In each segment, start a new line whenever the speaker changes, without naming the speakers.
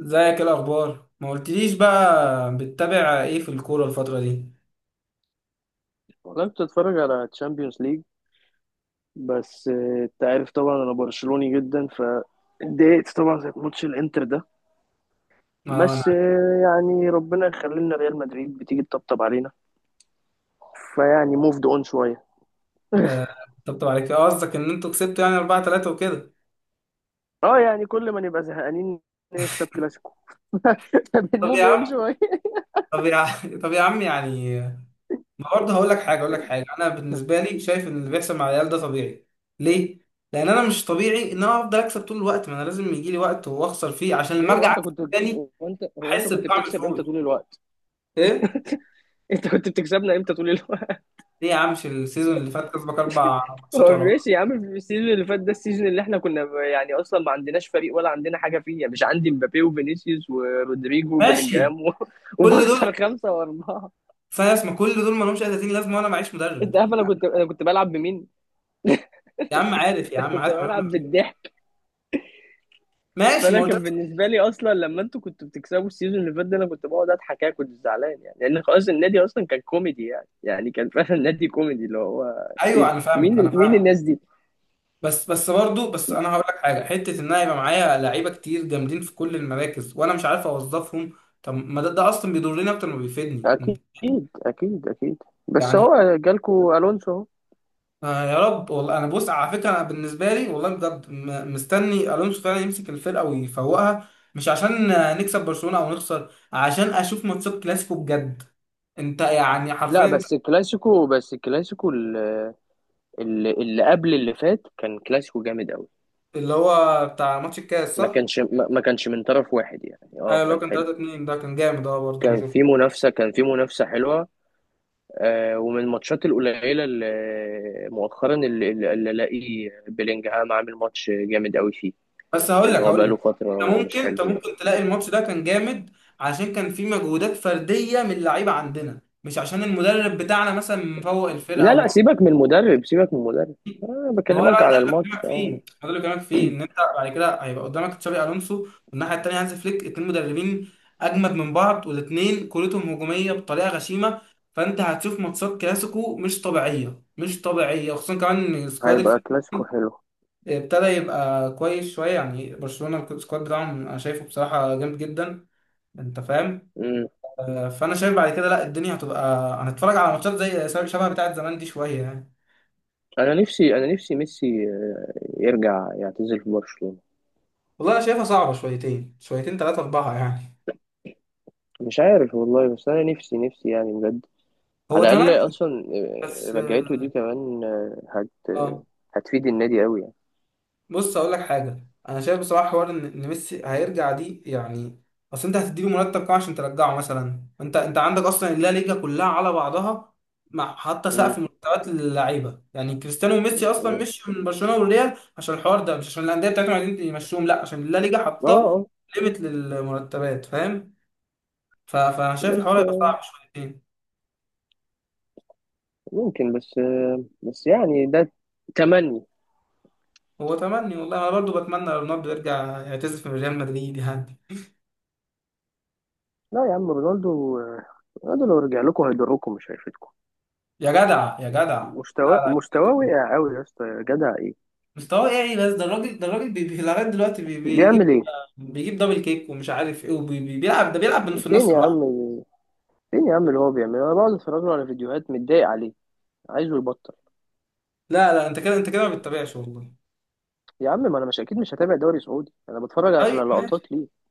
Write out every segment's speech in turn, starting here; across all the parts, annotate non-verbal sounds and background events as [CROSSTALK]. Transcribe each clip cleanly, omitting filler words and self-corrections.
ازيك؟ ايه الاخبار؟ ما قلتليش بقى، بتتابع ايه في الكوره الفتره دي؟
والله كنت بتفرج على تشامبيونز ليج. بس انت عارف طبعا انا برشلوني جدا فاتضايقت طبعا زي ماتش الانتر ده.
اه
بس
انا.
يعني ربنا يخلينا ريال مدريد بتيجي تطبطب علينا. فيعني موفد اون شويه.
آه، طبطب عليك اه، قصدك ان انتوا كسبتوا يعني 4-3 وكده.
اه يعني كل ما نبقى زهقانين نكسب كلاسيكو. [LAUGHS]
طب
بنموف
يا
اون
عم،
شويه.
طب يا عم، [LAUGHS] طب يا عم يعني. ما برضه هقول لك حاجه، انا بالنسبه لي شايف ان اللي بيحصل مع العيال ده طبيعي. ليه؟ لان انا مش طبيعي ان انا افضل اكسب طول الوقت، ما انا لازم يجي لي وقت واخسر فيه عشان
ليه؟
لما
هو
ارجع
انت
اكسب
كنت
تاني،
هو انت هو انت
احس
كنت
بطعم
بتكسب امتى
الفوز.
طول الوقت؟
ايه؟
انت كنت بتكسبنا امتى طول الوقت؟
ليه يا عم، مش السيزون اللي فات كسبك اربع ماتشات
هو
ورا بعض؟
ماشي يا عم، في السيزون اللي فات ده، السيزون اللي احنا كنا يعني اصلا ما عندناش فريق ولا عندنا حاجه فيه يعني. مش عندي مبابي وفينيسيوس ورودريجو
ماشي،
وبيلينجهام [LAUGHS]
كل دول؟
وبخسر 5-4.
فاس ما كل دول ما لهمش اي 30 لازمه وانا معيش مدرب.
انت عارف انا كنت بلعب بمين؟
يا عم عارف، يا
[LAUGHS]
عم
كنت
عارف، ما
بلعب
معتول.
بالضحك.
ماشي، ما
فانا
قلت لك.
كان بالنسبه لي اصلا لما انتوا كنتوا بتكسبوا السيزون اللي فات ده، انا كنت بقعد اضحك. أنا كنت زعلان يعني، لان خلاص النادي اصلا كان كوميدي. يعني كان فعلا نادي كوميدي اللي هو ايه
ايوه
ده؟
انا فاهمك،
مين الناس دي؟
بس برضه انا هقول لك حاجه، حته ان انا يبقى معايا لعيبه كتير جامدين في كل المراكز وانا مش عارف اوظفهم. طب ما ده، ده اصلا بيضرني اكتر ما بيفيدني،
اكيد. اكيد، اكيد. بس
يعني.
هو جالكوا الونسو اهو.
آه يا رب، والله انا بص على فكره، انا بالنسبه لي والله بجد مستني الونسو فعلا يمسك الفرقه ويفوقها، مش عشان آه، نكسب برشلونه او نخسر، عشان اشوف ماتشات كلاسيكو بجد. انت يعني
لا
حرفيا.
بس الكلاسيكو، اللي قبل اللي فات كان كلاسيكو جامد قوي.
اللي هو بتاع ماتش الكاس
ما
صح؟
كانش ما ما كانش من طرف واحد يعني.
ايوه
اه
اللي هو
كان
كان 3
حلو.
2 ده كان جامد اه، برضه انا شفته.
كان في منافسة حلوة. ومن الماتشات القليلة اللي مؤخرا اللي الاقي بيلينجهام عامل ماتش جامد قوي فيه.
بس هقول
ان
لك
هو
هقول لك
بقاله
انت
فترة مش
ممكن انت
حلو يعني.
ممكن تلاقي الماتش ده كان جامد عشان كان فيه مجهودات فرديه من اللعيبه عندنا، مش عشان المدرب بتاعنا مثلا مفوق الفرقه
لا
او
لا،
ما.
سيبك من المدرب. سيبك من المدرب، انا
ما هو
بكلمك
بقى ده
على
اللي
الماتش،
بكلمك فيه،
اه.
ان انت بعد كده هيبقى قدامك تشابي الونسو والناحيه التانيه هانز فليك، اتنين مدربين اجمد من بعض، والاتنين كورتهم هجوميه بطريقه غشيمه. فانت هتشوف ماتشات كلاسيكو مش طبيعيه، خصوصا كمان إن سكواد
هيبقى
الفريق
كلاسيكو حلو.
ابتدى يبقى كويس شويه. يعني برشلونه السكواد بتاعهم انا شايفه بصراحه جامد جدا، انت فاهم؟ آه، فانا شايف بعد كده لا، الدنيا هتبقى، هنتفرج على ماتشات زي شبه بتاعه زمان دي شويه يعني.
انا نفسي ميسي يرجع يعتزل في برشلونة.
والله انا شايفها صعبه، شويتين شويتين، ثلاثه اربعه يعني.
مش عارف والله، بس انا نفسي نفسي يعني بجد.
هو
على
تمام
الاقل اصلا
بس
رجعته
اه،
دي كمان آه، هت آه،
آه.
هتفيد النادي قوي يعني.
بص هقول لك حاجه، انا شايف بصراحه حوار ان ميسي هيرجع دي، يعني اصل انت هتديله مرتب كام عشان ترجعه؟ مثلا انت عندك اصلا اللا ليجا كلها على بعضها مع حتى
مم.
سقف مرتبات للعيبه. يعني كريستيانو وميسي اصلا
مم.
مشي من برشلونه والريال عشان الحوار ده، مش عشان الانديه بتاعتهم عايزين يمشوهم، لا، عشان اللا ليجا
اه.
حاطه ليميت للمرتبات، فاهم؟ فانا شايف
بس
الحوار هيبقى صعب شويتين.
ممكن. بس يعني ده تمني.
هو تمني، والله انا برضو بتمنى رونالدو يرجع يعتزل في ريال مدريد يعني.
لا يا عم، رونالدو رونالدو لو رجع لكم هيضركم مش هيفيدكم.
يا جدع، يا جدع لا. لا،
مستواه وقع قوي يا اسطى يا جدع. ايه
مستواه يعني، بس ده الراجل، ده الراجل لغايه دلوقتي
بيعمل
بيجيب،
ايه؟
بيجيب دبل كيك ومش عارف ايه، وبيلعب، ده بيلعب من في
فين
النص
يا
لوحده.
عم فين يا عم اللي هو بيعمله؟ انا بقعد اتفرج له على فيديوهات متضايق عليه عايزه يبطل.
لا لا، انت كده، ما بتتابعش والله.
يا عم، ما انا مش اكيد مش هتابع دوري سعودي، انا بتفرج
طيب
على
ماشي،
لقطات ليه.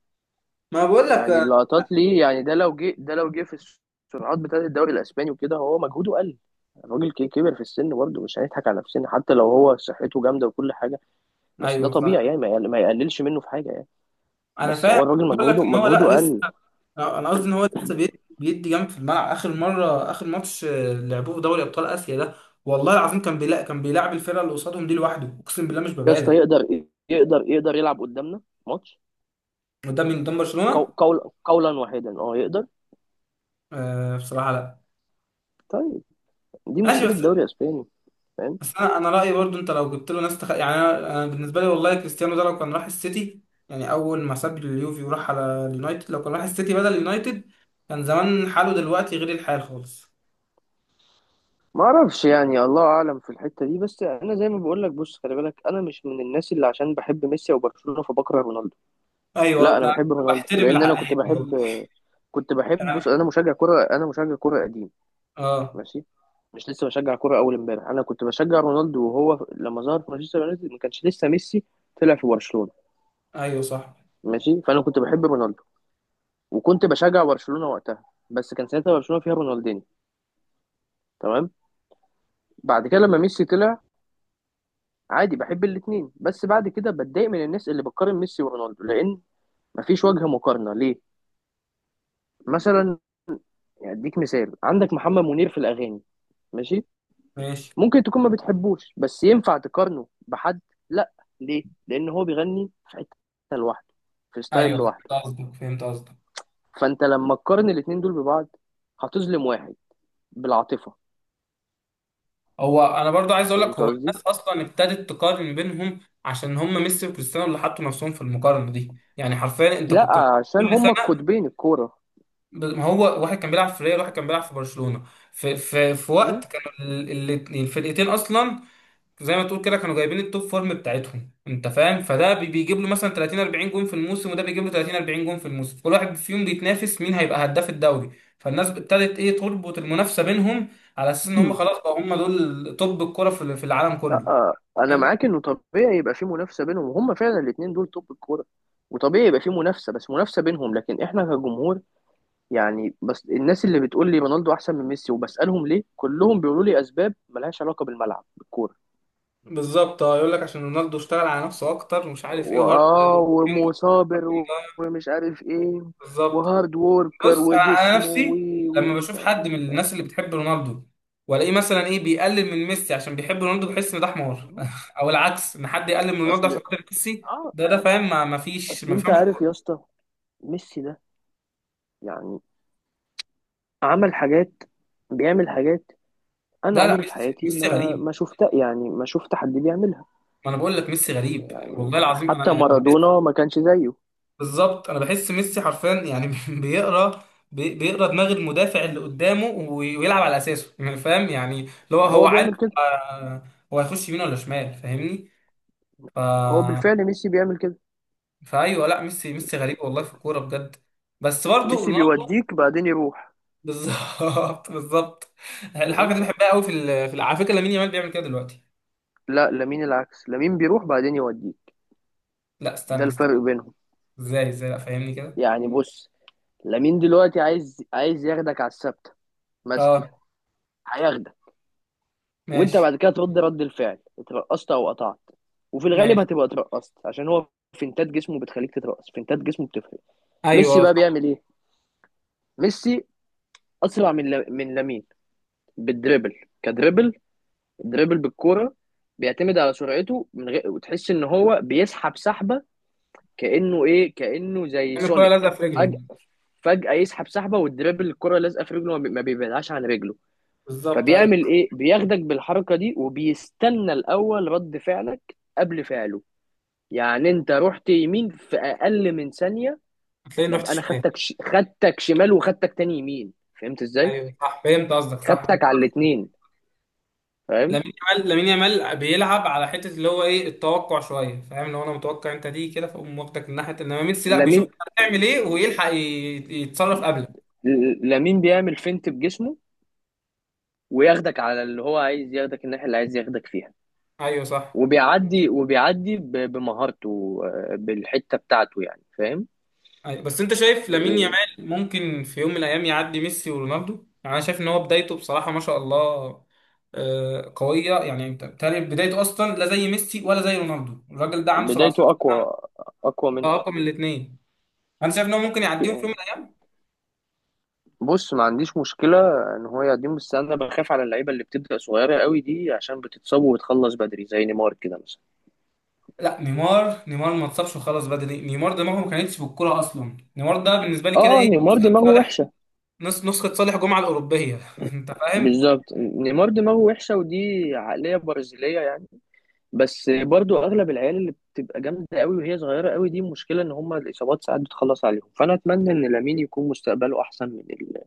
ما بقول لك
يعني
آه.
اللقطات ليه. يعني ده لو جه في السرعات بتاعه الدوري الاسباني وكده هو مجهوده قل. الراجل كبر في السن برضه، مش هنضحك على نفسنا حتى لو هو صحته جامده وكل حاجه. بس ده
ايوه
طبيعي
صح،
يعني، ما يقللش منه في حاجه يعني.
انا
بس
فاهم.
هو الراجل
بقول لك ان هو، لا
مجهوده
لسه،
قل.
انا قصدي ان هو لسه بيدي جنب في الملعب. اخر مره، اخر ماتش آه، لعبوه في دوري ابطال اسيا ده، والله العظيم كان بيلاعب، الفرقه اللي قصادهم دي لوحده، اقسم بالله مش
يا اسطى
ببالغ.
يقدر. يقدر يلعب قدامنا ماتش.
وده من قدام برشلونه.
قول قولا واحدا، اه يقدر.
آه بصراحه لا.
طيب، دي
ماشي
مشكله
بس،
الدوري الاسباني، فاهم.
بس انا رايي، برضو انت لو جبت له ناس يعني، انا بالنسبه لي والله كريستيانو ده لو كان راح السيتي، يعني اول ما ساب اليوفي وراح على اليونايتد، لو كان راح السيتي بدل اليونايتد، كان زمان حاله دلوقتي غير الحال خالص.
ما اعرفش يعني، الله اعلم في الحته دي. بس انا زي ما بقول لك، بص خلي بالك، انا مش من الناس اللي عشان بحب ميسي او برشلونه فبكره رونالدو. لا،
ايوه
انا
انا
بحب رونالدو
بحترم [LAUGHS]
لان انا
العقليه
كنت
دي والله.
بحب، بص،
أنا-
انا مشجع كره قديم.
اه.
ماشي. مش لسه بشجع كره اول امبارح. انا كنت بشجع رونالدو وهو لما ظهر في مانشستر يونايتد ما كانش لسه ميسي طلع في برشلونه.
ايوه صح،
ماشي. فانا كنت بحب رونالدو وكنت بشجع برشلونه وقتها. بس كان ساعتها برشلونه فيها رونالدينيو. تمام. بعد كده لما ميسي طلع، عادي بحب الاتنين. بس بعد كده بتضايق من الناس اللي بتقارن ميسي ورونالدو، لان مفيش وجه مقارنه ليه. مثلا يعني اديك مثال، عندك محمد منير في الاغاني. ماشي.
ماشي.
ممكن تكون ما بتحبوش، بس ينفع تقارنه بحد؟ لا. ليه؟ لان هو بيغني في حته لوحده، في ستايل
ايوه
لوحده.
فهمت قصدك،
فانت لما تقارن الاتنين دول ببعض هتظلم واحد بالعاطفه.
هو انا برضو عايز اقول لك،
فهمت
هو
قصدي؟
الناس اصلا ابتدت تقارن بينهم عشان هم ميسي وكريستيانو اللي حطوا نفسهم في المقارنه دي، يعني حرفيا انت
لا،
كنت،
عشان
كل،
هما القطبين الكوره.
ما هو واحد كان بيلعب في ريال، واحد كان بيلعب في برشلونة، في وقت كان الفرقتين اصلا زي ما تقول كده كانوا جايبين التوب فورم بتاعتهم، انت فاهم؟ فده بيجيب له مثلا 30 40 جون في الموسم، وده بيجيب له 30 40 جون في الموسم، كل واحد فيهم بيتنافس مين هيبقى هداف الدوري. فالناس ابتدت ايه، تربط المنافسة بينهم على اساس ان هم
م?
خلاص بقى، هم دول توب الكرة في في العالم كله،
لا انا
فاهم؟
معاك، انه طبيعي يبقى في منافسه بينهم، وهم فعلا الاثنين دول توب الكوره. وطبيعي يبقى في منافسه، بس منافسه بينهم. لكن احنا كجمهور يعني، بس الناس اللي بتقول لي رونالدو احسن من ميسي، وبسالهم ليه، كلهم بيقولوا لي اسباب ملهاش علاقه بالملعب بالكوره.
بالظبط. اه يقول لك عشان رونالدو اشتغل على نفسه اكتر ومش عارف ايه، وهارد.
واه ومصابر، ومش عارف ايه،
بالظبط.
وهارد ووركر،
بص، انا
وجسمه، و
نفسي
و
لما بشوف حد من الناس اللي بتحب رونالدو والاقيه مثلا ايه بيقلل من ميسي عشان بيحب رونالدو، بحس ان ده حمار، [LAUGHS] او العكس، ان حد يقلل من رونالدو
اصل
عشان خاطر ميسي.
اه
ده ده فاهم، ما فيش، ما
اصل انت
بيفهمش
عارف
كوره.
يا اسطى، ميسي ده يعني عمل حاجات. بيعمل حاجات انا
لا لا،
عمري في
ميسي
حياتي
ميسي
ما
غريب.
ما شفت، يعني ما شفت حد بيعملها.
ما انا بقول لك ميسي غريب،
يعني
والله العظيم
حتى
انا يعني
مارادونا ما كانش زيه.
بالظبط، انا بحس ميسي حرفيا يعني، [LAUGHS] بيقرا، بيقرا دماغ المدافع اللي قدامه، ويلعب على اساسه، [LAUGHS] يعني فاهم، يعني اللي هو،
هو
هو عارف
بيعمل كده.
آه، هو هيخش يمين ولا شمال، فاهمني؟ ف،
هو بالفعل ميسي بيعمل كده.
فايوه. لا ميسي ميسي غريب والله في الكوره بجد، بس برضه
ميسي
رونالدو.
بيوديك بعدين يروح،
[LAUGHS] بالظبط، الحركه
فاهم؟
دي بحبها قوي، في على فكره لامين يامال بيعمل كده دلوقتي.
لا، لامين العكس، لامين بيروح بعدين يوديك.
لا
ده
استنى استنى.
الفرق بينهم.
ازاي؟ ازاي؟ لا فاهمني كده.
يعني بص، لامين دلوقتي عايز ياخدك على الثابته مثلا.
اه،
هياخدك، وانت
ماشي.
بعد كده ترد رد الفعل، اترقصت او قطعت. وفي الغالب
ماشي.
هتبقى اترقصت، عشان هو فنتات جسمه بتخليك تترقص. فنتات جسمه بتفرق. ميسي
ايوه آه،
بقى
صح.
بيعمل ايه؟ ميسي اسرع من من لامين بالدريبل. كدريبل دريبل بالكوره. بيعتمد على سرعته، من غير وتحس ان هو بيسحب سحبه، كانه كانه زي
كان الكوره لازقه
سونيك.
في رجله.
فجأة يسحب سحبة، والدريبل الكرة لازقة في رجله، ما بيبعدهاش عن رجله.
بالظبط
فبيعمل
ايوه.
ايه؟ بياخدك بالحركة دي وبيستنى الأول رد فعلك قبل فعله. يعني انت رحت يمين في أقل من ثانية،
هتلاقيه رحت
ببقى انا
شمال.
خدتك خدتك شمال، وخدتك تاني يمين. فهمت ازاي؟
ايوه صح، فهمت قصدك صح.
خدتك على الاتنين، فاهم.
لامين يامال، بيلعب على حته اللي هو ايه، التوقع شويه، فاهم؟ لو انا متوقع انت دي كده، فاقوم واخدك من ناحيه، انما ميسي لا، بيشوف
لامين
انت هتعمل ايه ويلحق يتصرف قبلك.
لامين بيعمل فينت بجسمه، وياخدك على اللي هو عايز ياخدك، الناحية اللي عايز ياخدك فيها.
ايوه صح.
وبيعدي بمهارته، بالحتة بتاعته يعني، فاهم؟
أيوة، بس انت شايف لامين
آه،
يامال ممكن في يوم من الايام يعدي ميسي ورونالدو؟ يعني انا شايف ان هو بدايته بصراحه ما شاء الله آه، قويه، يعني انت بتهيألي بدايته اصلا لا زي ميسي ولا زي رونالدو، الراجل ده عنده 17
بدايته أقوى. أقوى
سنه
منه.
رقم الاثنين. انا شايف ان هو ممكن يعديهم في يوم من الايام.
بص ما عنديش مشكلة إن هو يقدم، بس أنا بخاف على اللعيبة اللي بتبدأ صغيرة قوي دي، عشان بتتصاب وتخلص بدري، زي نيمار كده مثلا.
لا نيمار، نيمار ما اتصابش وخلاص بدري، نيمار دماغه ما كانتش بالكوره اصلا. نيمار ده بالنسبه لي كده
اه،
ايه،
نيمار
نسخه
دماغه
صالح،
وحشة.
نسخه صالح جمعه الاوروبيه، [LAUGHS] انت فاهم.
بالظبط، نيمار دماغه وحشة، ودي عقلية برازيلية يعني. بس برضو اغلب العيال اللي بتبقى جامده قوي وهي صغيره قوي، دي مشكله ان هم الاصابات ساعات بتخلص عليهم. فانا اتمنى ان لامين يكون مستقبله احسن من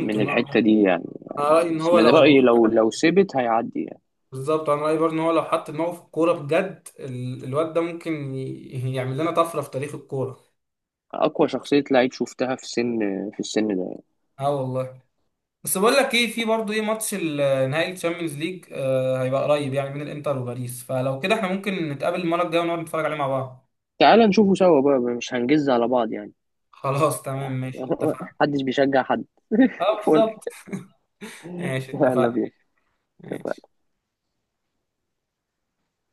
من
اه،
الحته دي يعني.
انا رايي ان
بس
هو
من
لو.
رايي، لو سبت هيعدي يعني.
بالظبط انا رايي برضه ان هو لو حط دماغه في الكوره بجد الواد ده ممكن يعمل لنا طفره في تاريخ الكوره.
اقوى شخصيه لعيب شفتها في سن، في السن ده يعني.
اه والله. بس بقول لك ايه، في برضه ايه، ماتش نهائي الشامبيونز ليج آه هيبقى قريب يعني بين الانتر وباريس، فلو كده احنا ممكن نتقابل المره الجايه ونقعد نتفرج عليه مع بعض.
تعال نشوفه سوا بقى، مش هنجز على بعض يعني.
خلاص تمام ماشي،
[LAUGHS]
اتفقنا.
محدش بيشجع حد. [LAUGHS]
اه
فل
بالظبط، ماشي
يلا
اتفقنا.
بينا.
ماشي.